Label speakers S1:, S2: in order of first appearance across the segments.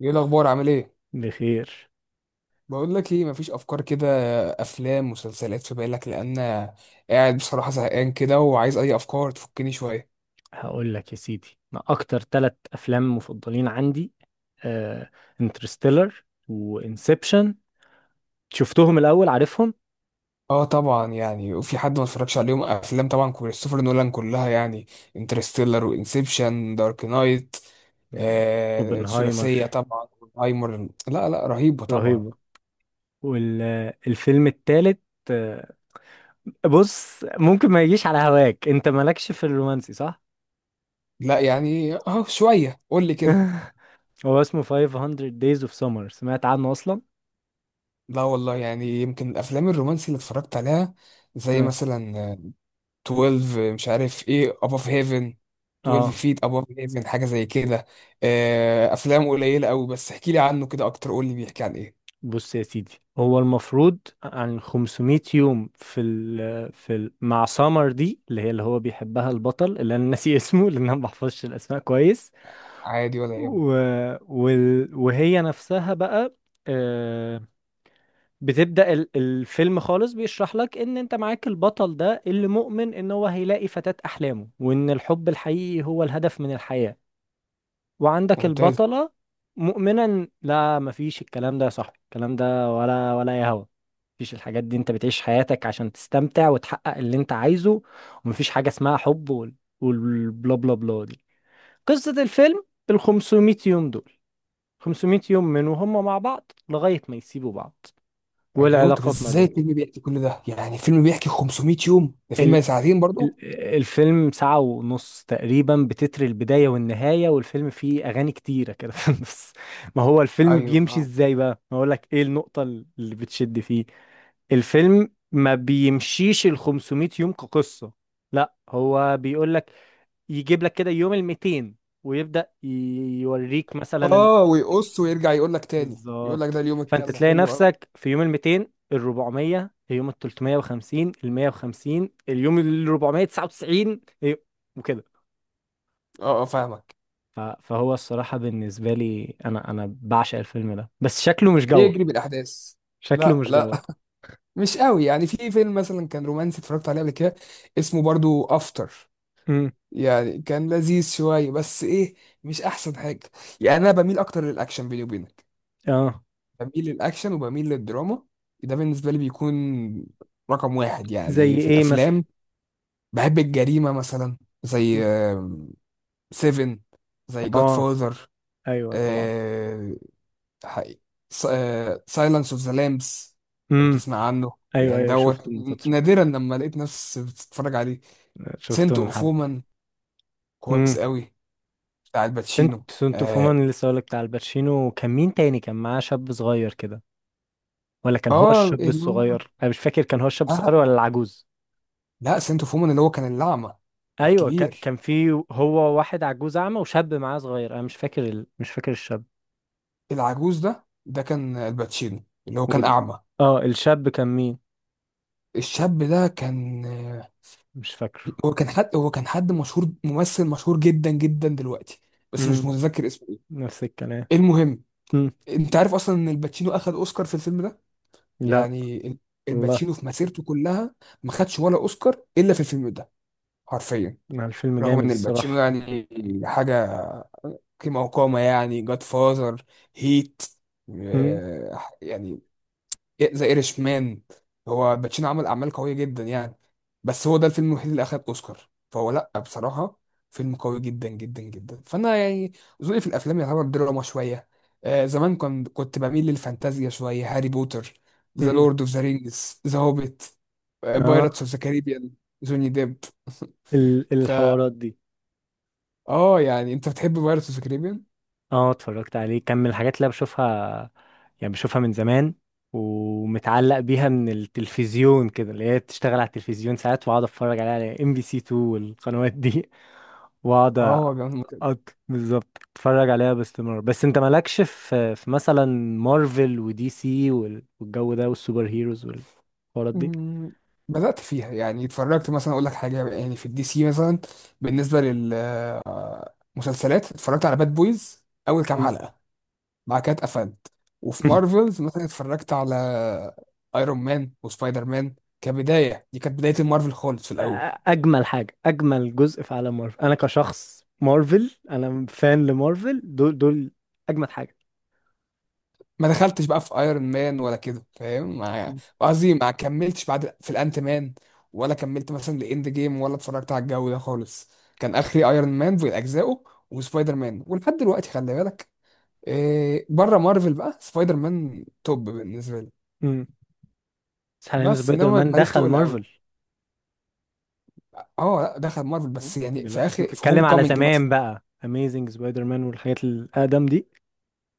S1: ايه الاخبار، عامل ايه؟
S2: بخير.
S1: بقول لك ايه، مفيش افكار كده؟ افلام، مسلسلات في بالك؟ لان قاعد بصراحه زهقان كده، وعايز اي افكار تفكني شويه.
S2: هقول لك يا سيدي، انا اكتر ثلاث افلام مفضلين عندي انترستيلر وانسبشن. شفتهم الاول؟ عارفهم.
S1: اه طبعا، يعني وفي حد ما اتفرجش عليهم؟ افلام طبعا كريستوفر نولان كلها يعني، انترستيلر وانسبشن دارك نايت.
S2: يا
S1: آه
S2: اوبنهايمر،
S1: ثلاثيه طبعا. هايمر، لا لا، رهيبه طبعا.
S2: رهيبه. والفيلم الثالث، بص ممكن ما يجيش على هواك، انت مالكش في الرومانسي صح؟
S1: لا يعني اه شويه، قول لي كده.
S2: هو اسمه 500 Days of Summer، سمعت عنه اصلا؟
S1: لا والله، يعني يمكن الافلام الرومانسي اللي اتفرجت عليها زي
S2: اه.
S1: مثلا 12 مش عارف ايه above heaven، 12
S2: آه.
S1: feet above heaven، حاجة زي كده. آه، افلام قليلة قوي، بس احكي لي عنه كده اكتر، قول لي بيحكي عن ايه.
S2: بص يا سيدي، هو المفروض عن 500 يوم في ال مع سامر دي اللي هي اللي هو بيحبها البطل اللي انا ناسي اسمه لان انا ما بحفظش الاسماء كويس.
S1: عادي، ولا يهم.
S2: و وال وهي نفسها بقى، آه، بتبدأ الفيلم خالص بيشرح لك ان انت معاك البطل ده اللي مؤمن ان هو هيلاقي فتاة احلامه، وان الحب الحقيقي هو الهدف من الحياة. وعندك
S1: ممتاز.
S2: البطلة مؤمنة لا، مفيش الكلام ده يا صاحبي، الكلام ده ولا يا هوا. مفيش الحاجات دي، انت بتعيش حياتك عشان تستمتع وتحقق اللي انت عايزه، ومفيش حاجة اسمها حب والبلا بلا بلا دي. قصة الفيلم، ال 500 يوم دول، 500 يوم من وهم مع بعض لغاية ما يسيبوا بعض
S1: ايوه، طب
S2: والعلاقات ما
S1: ازاي
S2: بينهم.
S1: الفيلم بيحكي كل ده؟ يعني فيلم بيحكي 500 يوم، ده فيلم ساعتين برضه؟
S2: ال- الفيلم ساعة ونص تقريبا بتتر البداية والنهاية، والفيلم فيه أغاني كتيرة كده في النص. ما هو الفيلم
S1: ايوه
S2: بيمشي
S1: اه.
S2: إزاي بقى؟ ما أقولك إيه النقطة اللي بتشد فيه. الفيلم ما بيمشيش ال 500 يوم كقصة، لا هو بيقولك، يجيب لك كده يوم ال 200 ويبدأ يوريك مثلا إن،
S1: اه ويقص ويرجع يقول لك تاني، يقول لك
S2: بالظبط.
S1: ده اليوم
S2: فانت
S1: الكذا
S2: تلاقي
S1: حلو قوي.
S2: نفسك في يوم ال 200، ال 400، اليوم ال 350، ال 150، اليوم ال 499 إيه، وكده.
S1: اه اه، فاهمك.
S2: فهو الصراحة بالنسبة لي، انا بعشق الفيلم ده، بس شكله مش جوه.
S1: بيجري بالاحداث.
S2: شكله
S1: لا
S2: مش
S1: لا
S2: جوه.
S1: مش قوي، يعني في فيلم مثلا كان رومانسي اتفرجت عليه قبل كده، اسمه برضو افتر.
S2: امم.
S1: يعني كان لذيذ شوية، بس إيه، مش أحسن حاجة. يعني أنا بميل أكتر للأكشن بيني وبينك.
S2: اه.
S1: بميل للأكشن، وبميل للدراما. ده بالنسبة لي بيكون رقم واحد
S2: زي
S1: يعني في
S2: ايه
S1: الأفلام.
S2: مثلا؟
S1: بحب الجريمة مثلا، زي
S2: مم.
S1: سيفن، زي جاد
S2: اه.
S1: فاذر،
S2: ايوه طبعا.
S1: سايلنس اوف ذا لامبس، لو
S2: امم.
S1: تسمع عنه.
S2: ايوه،
S1: يعني
S2: ايوه
S1: دوت،
S2: شفته من فترة.
S1: نادرا لما لقيت نفسي بتتفرج عليه.
S2: شفته
S1: سنت
S2: من
S1: اوف
S2: حبة.
S1: وومن، كويس
S2: امم.
S1: قوي، بتاع
S2: سنت
S1: الباتشينو.
S2: سنت
S1: آه،
S2: فومان، اللي لسه هقولك بتاع الباتشينو، كان مين تاني؟ كان معاه شاب صغير كده، ولا كان هو
S1: اه
S2: الشاب
S1: اللي هو،
S2: الصغير؟ انا مش فاكر، كان هو الشاب الصغير
S1: آه
S2: ولا العجوز؟
S1: لا، سنتو فومن اللي هو كان الأعمى
S2: ايوه،
S1: الكبير.
S2: كان في، هو واحد عجوز اعمى وشاب معاه صغير، انا مش فاكر مش فاكر الشاب.
S1: العجوز ده كان الباتشينو اللي هو كان
S2: وال...
S1: أعمى.
S2: اه الشاب كان مين؟
S1: الشاب ده كان،
S2: مش فاكره.
S1: هو كان حد مشهور، ممثل مشهور جدا جدا دلوقتي، بس مش
S2: امم.
S1: متذكر اسمه ايه.
S2: نفس الكلام.
S1: المهم،
S2: امم.
S1: انت عارف اصلا ان الباتشينو اخد اوسكار في الفيلم ده؟
S2: لا
S1: يعني ال-
S2: والله.
S1: الباتشينو في مسيرته كلها ما خدش ولا اوسكار الا في الفيلم ده، حرفيا.
S2: مع الفيلم
S1: رغم
S2: جامد
S1: ان الباتشينو
S2: الصراحة.
S1: يعني حاجة قيمة وقامة، يعني جاد فازر، هيت،
S2: امم.
S1: آه يعني ذا ايرش مان. هو باتشينو عمل أعمال قوية جدا يعني. بس هو ده الفيلم الوحيد اللي أخد أوسكار، فهو لأ بصراحة فيلم قوي جدا جدا جدا. فأنا يعني ذوقي في الأفلام يعتبر دراما شوية. آه زمان كنت بميل للفانتازيا شوية، هاري بوتر، ذا
S2: امم.
S1: لورد أوف ذا رينجز، ذا هوبيت، بايرتس
S2: اه.
S1: أوف ذا كاريبيان، جوني ديب. فا
S2: الحوارات دي،
S1: اه، يعني انت بتحب بايرتس أوف ذا كاريبيان؟
S2: اه اتفرجت عليه، كان من الحاجات اللي أنا بشوفها، يعني بشوفها من زمان، ومتعلق بيها من التلفزيون كده، اللي هي بتشتغل على التلفزيون ساعات واقعد اتفرج عليها على ام بي سي 2 والقنوات دي واقعد
S1: اه يا جماعة.
S2: بالظبط اتفرج عليها باستمرار. بس انت مالكش في مثلا مارفل ودي سي والجو ده والسوبر هيروز والحوارات دي.
S1: مم، بدأت فيها. يعني اتفرجت مثلا، اقول لك حاجة، يعني في الدي سي مثلا، بالنسبة للمسلسلات اتفرجت على باد بويز اول كام
S2: مم.
S1: حلقة، بعد كده اتقفلت. وفي مارفلز مثلا اتفرجت على ايرون مان وسبايدر مان كبداية، دي كانت بداية المارفل خالص في الاول.
S2: اجمل جزء في عالم مارفل، انا كشخص مارفل، انا فان لمارفل، دول دول اجمد حاجه.
S1: ما دخلتش بقى في ايرون مان ولا كده، فاهم؟ ما- قصدي ما كملتش بعد في الانت مان، ولا كملت مثلا لاند جيم، ولا اتفرجت على الجو ده خالص. كان اخري ايرون مان في اجزائه وسبايدر مان، ولحد دلوقتي خلي بالك، إيه، بره مارفل بقى سبايدر مان توب بالنسبه لي.
S2: امم. بس حاليا
S1: بس
S2: سبايدر
S1: انما
S2: مان
S1: ماليش
S2: دخل
S1: تقل قوي.
S2: مارفل.
S1: اه لا، دخل مارفل،
S2: مم.
S1: بس يعني في
S2: دلوقتي انت
S1: اخر، في هوم
S2: بتتكلم على
S1: كامينج مثلا.
S2: زمان بقى، اميزنج سبايدر مان والحاجات الاقدم دي.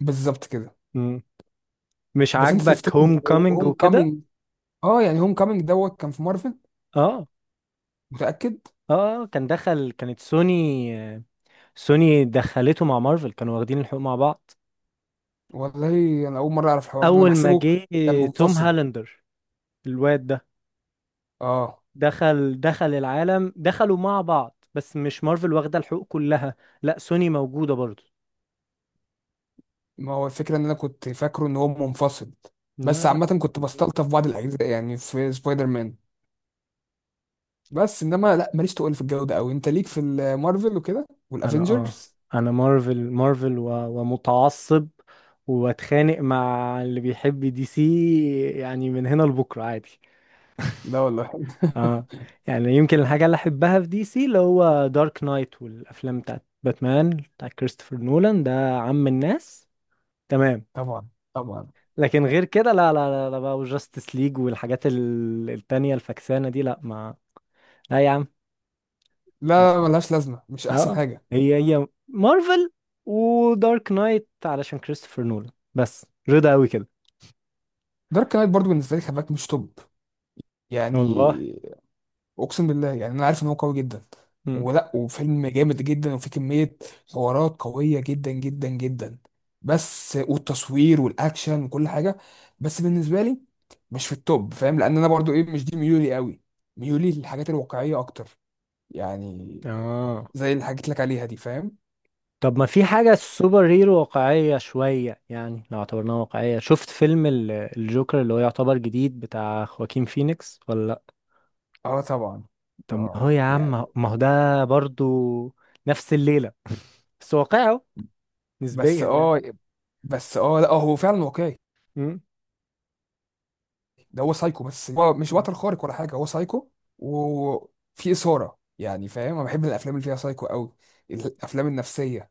S1: بالظبط كده.
S2: مم. مش
S1: بس انت
S2: عاجبك
S1: تفتكر
S2: هوم كومينج
S1: هوم
S2: وكده؟
S1: كامينج، اه يعني هوم كامينج دوت كان في مارفل،
S2: اه.
S1: متاكد؟
S2: اه، كان دخل، كانت سوني. سوني دخلته مع مارفل، كانوا واخدين الحقوق مع بعض.
S1: والله انا اول مره اعرف الحوار ده، انا
S2: اول ما
S1: بحسبه
S2: جه
S1: كان
S2: توم
S1: منفصل.
S2: هالندر الواد ده،
S1: اه،
S2: دخل العالم، دخلوا مع بعض، بس مش مارفل واخده الحقوق كلها، لا سوني موجوده برضه.
S1: ما هو الفكره ان انا كنت فاكره ان هو منفصل.
S2: لا،
S1: بس
S2: لا.
S1: عامه كنت بستلطف بعض الاجزاء يعني في سبايدر مان. بس انما لا، ماليش تقول في الجو ده قوي، انت ليك في المارفل وكده
S2: انا اه،
S1: والافنجرز.
S2: انا مارفل مارفل، و... ومتعصب، واتخانق مع اللي بيحب دي سي يعني من هنا لبكره عادي.
S1: لا والله
S2: اه. يعني يمكن الحاجه اللي احبها في دي سي اللي هو دارك نايت والافلام بتاعت باتمان بتاع كريستوفر نولان ده عم الناس، تمام.
S1: طبعا، طبعا.
S2: لكن غير كده لا، لا، لا، لا بقى وجاستس ليج والحاجات التانية الفكسانه دي، لا يا عم.
S1: لا لا، ملهاش لازمه، مش احسن
S2: اه.
S1: حاجه.
S2: هي هي مارفل، ودارك نايت علشان كريستوفر نولان بس رضا قوي كده.
S1: دارك نايت برضو بالنسبه لي خباك مش توب،
S2: والله.
S1: يعني اقسم بالله، يعني انا عارف ان هو قوي جدا،
S2: مم.
S1: ولا وفيلم جامد جدا، وفيه كميه حوارات قويه جدا جدا جدا، بس والتصوير والاكشن وكل حاجه، بس بالنسبه لي مش في التوب، فاهم؟ لان انا برضو ايه، مش دي ميولي قوي. ميولي للحاجات الواقعيه اكتر يعني،
S2: اه،
S1: زي اللي حكيت لك عليها دي، فاهم؟
S2: طب ما في حاجة سوبر هيرو واقعية شوية، يعني لو اعتبرناها واقعية، شفت فيلم الجوكر اللي هو يعتبر جديد بتاع خواكين فينيكس ولا لأ؟
S1: اه طبعا.
S2: طب هو يا
S1: اه
S2: عم
S1: يعني
S2: ما هو ده برضو نفس الليلة، بس واقعه
S1: بس
S2: نسبيا يعني.
S1: اه بس اه، لا هو فعلا واقعي.
S2: مم.
S1: ده هو سايكو، بس هو مش بطل خارق ولا حاجه، هو سايكو. وفي اثاره يعني، فاهم؟ انا بحب الافلام اللي فيها سايكو قوي، الافلام النفسيه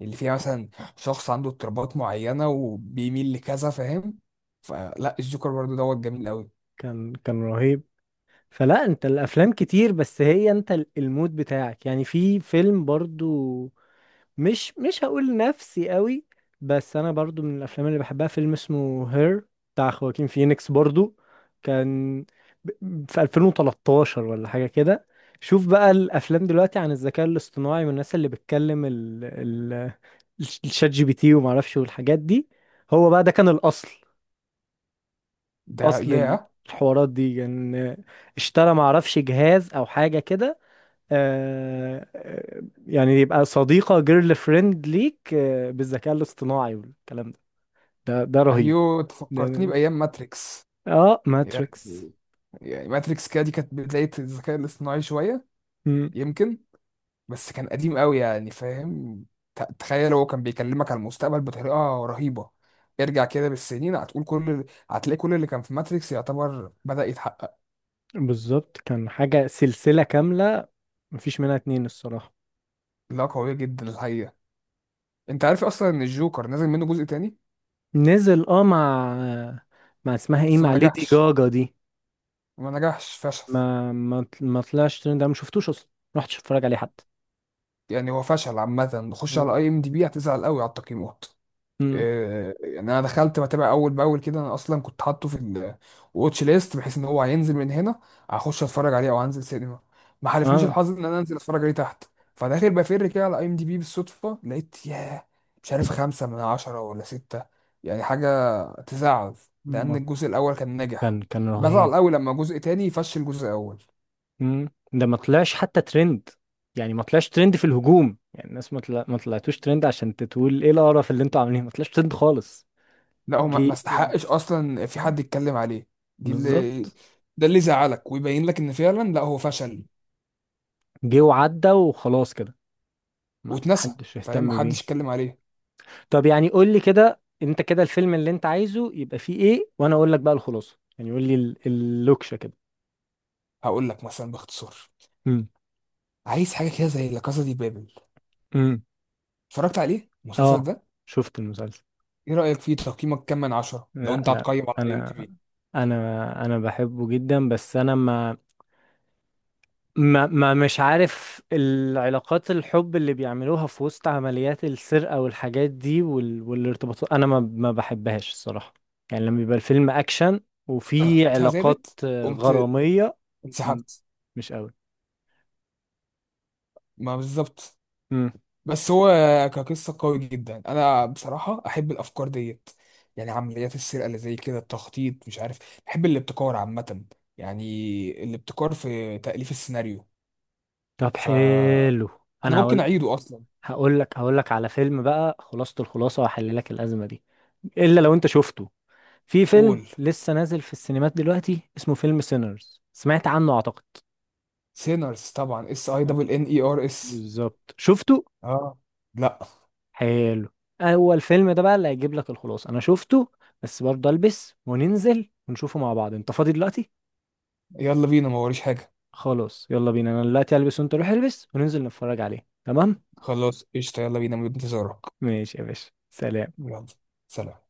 S1: اللي فيها مثلا شخص عنده اضطرابات معينه وبيميل لكذا، فاهم؟ فلا الجوكر برضه دوت جميل قوي.
S2: كان رهيب. فلا انت الافلام كتير، بس هي انت المود بتاعك، يعني في فيلم برضو، مش هقول نفسي قوي، بس انا برضو من الافلام اللي بحبها فيلم اسمه هير بتاع خواكين فينيكس برضو، كان في 2013 ولا حاجة كده. شوف بقى الافلام دلوقتي عن الذكاء الاصطناعي والناس اللي بتكلم ال الشات جي بي تي وما اعرفش والحاجات دي، هو بقى ده كان الاصل،
S1: ده
S2: اصل
S1: ياه.
S2: الحوارات دي ان يعني اشترى معرفش جهاز او حاجه كده، آه، آه، يعني يبقى صديقه، جيرل فريند ليك بالذكاء الاصطناعي والكلام ده، ده رهيب.
S1: ايوه، تفكرتني
S2: ده
S1: بايام ماتريكس.
S2: اه ماتريكس.
S1: يعني ماتريكس كده، دي كانت بدايه الذكاء الاصطناعي شويه
S2: مم،
S1: يمكن. بس كان قديم قوي يعني، فاهم؟ ت- تخيل هو كان بيكلمك على المستقبل بطريقة رهيبة. ارجع كده بالسنين، هتقول كل، هتلاقي كل اللي كان في ماتريكس يعتبر بدأ يتحقق.
S2: بالظبط كان حاجه سلسله كامله مفيش منها اتنين الصراحه.
S1: لا قوية جدا الحقيقة. انت عارف اصلا ان الجوكر نازل منه جزء تاني؟
S2: نزل، مع مع اسمها ايه،
S1: بس ما
S2: مع ليدي
S1: نجحش،
S2: جاجا دي.
S1: ما نجحش، فشل.
S2: ما طلعش ترند، انا ما شفتوش اصلا، ما رحتش اتفرج عليه حتى.
S1: يعني هو فشل عامة، خش على
S2: آه.
S1: اي ام دي بي هتزعل قوي على التقييمات.
S2: مم.
S1: آه، يعني انا دخلت بتابع اول باول كده، انا اصلا كنت حاطه في الواتش ليست بحيث ان هو هينزل من هنا هخش اتفرج عليه، او هنزل سينما. ما حالفنيش الحظ ان انا انزل اتفرج عليه تحت، فداخل بفر كده على اي ام دي بي بالصدفه، لقيت ياه مش عارف خمسة من عشرة ولا ستة، يعني حاجة تزعل، لأن
S2: اه.
S1: الجزء الأول كان ناجح.
S2: كان رهيب.
S1: بزعل أوي لما جزء تاني يفشل جزء أول.
S2: مم. ده ما طلعش حتى ترند، يعني ما طلعش ترند في الهجوم، يعني الناس ما طلعتوش ترند عشان تقول ايه القرف اللي انتوا عاملينه، ما طلعش ترند خالص.
S1: لا هو
S2: جه
S1: ما
S2: تقريبا،
S1: استحقش أصلا في حد
S2: آه،
S1: يتكلم عليه. دي اللي
S2: بالظبط.
S1: ده اللي يزعلك ويبين لك إن فعلا لا هو فشل،
S2: جه وعدى وخلاص كده، ما
S1: واتنسى،
S2: حدش
S1: فاهم؟
S2: اهتم
S1: محدش
S2: بيه.
S1: اتكلم عليه.
S2: طب يعني قول لي كده، انت كده الفيلم اللي انت عايزه يبقى فيه ايه وانا اقول لك بقى الخلاصه، يعني قول لي اللوكشه كده.
S1: هقول لك مثلا باختصار،
S2: امم.
S1: عايز حاجه كده زي لا كاسا دي بابل،
S2: امم.
S1: اتفرجت عليه المسلسل
S2: اه
S1: ده؟
S2: شفت المسلسل.
S1: ايه رايك فيه، تقييمك كام من عشرة لو
S2: لا،
S1: انت
S2: لا.
S1: هتقيم على اي ام دي
S2: انا
S1: بي؟
S2: انا بحبه جدا، بس انا ما, ما مش عارف العلاقات، الحب اللي بيعملوها في وسط عمليات السرقة والحاجات دي والارتباطات أنا ما بحبهاش الصراحة، يعني لما بيبقى الفيلم أكشن
S1: انا
S2: وفي
S1: قيمتها
S2: علاقات
S1: زادت، قمت،
S2: غرامية، م-
S1: انسحبت،
S2: مش قوي.
S1: ما بالظبط.
S2: مم.
S1: بس هو كقصه قوي جدا. انا بصراحه احب الافكار ديت، يعني عمليات السرقه اللي زي كده، التخطيط، مش عارف، بحب الابتكار عامه يعني، الابتكار في تاليف السيناريو.
S2: طب
S1: فانا
S2: حلو، أنا
S1: ممكن
S2: هقول،
S1: اعيده اصلا.
S2: هقول لك على فيلم بقى خلاصة الخلاصة وأحل لك الأزمة دي، إلا لو أنت شفته، في فيلم
S1: قول.
S2: لسه نازل في السينمات دلوقتي اسمه فيلم سينرز، سمعت عنه أعتقد؟
S1: سينرز طبعا، اس اي
S2: آه.
S1: دبل ان اي ار اس.
S2: بالظبط شفته.
S1: اه لا.
S2: حلو. اول فيلم ده بقى اللي هيجيب لك الخلاصه، انا شفته بس برضه البس وننزل ونشوفه مع بعض، انت فاضي دلوقتي؟
S1: يلا بينا، ما وريش حاجه.
S2: خلاص يلا بينا، انا دلوقتي البس وانت روح البس وننزل نتفرج عليه، تمام؟
S1: خلاص قشطه، يلا بينا، من انتظارك.
S2: ماشي يا باشا، سلام.
S1: يلا، سلام.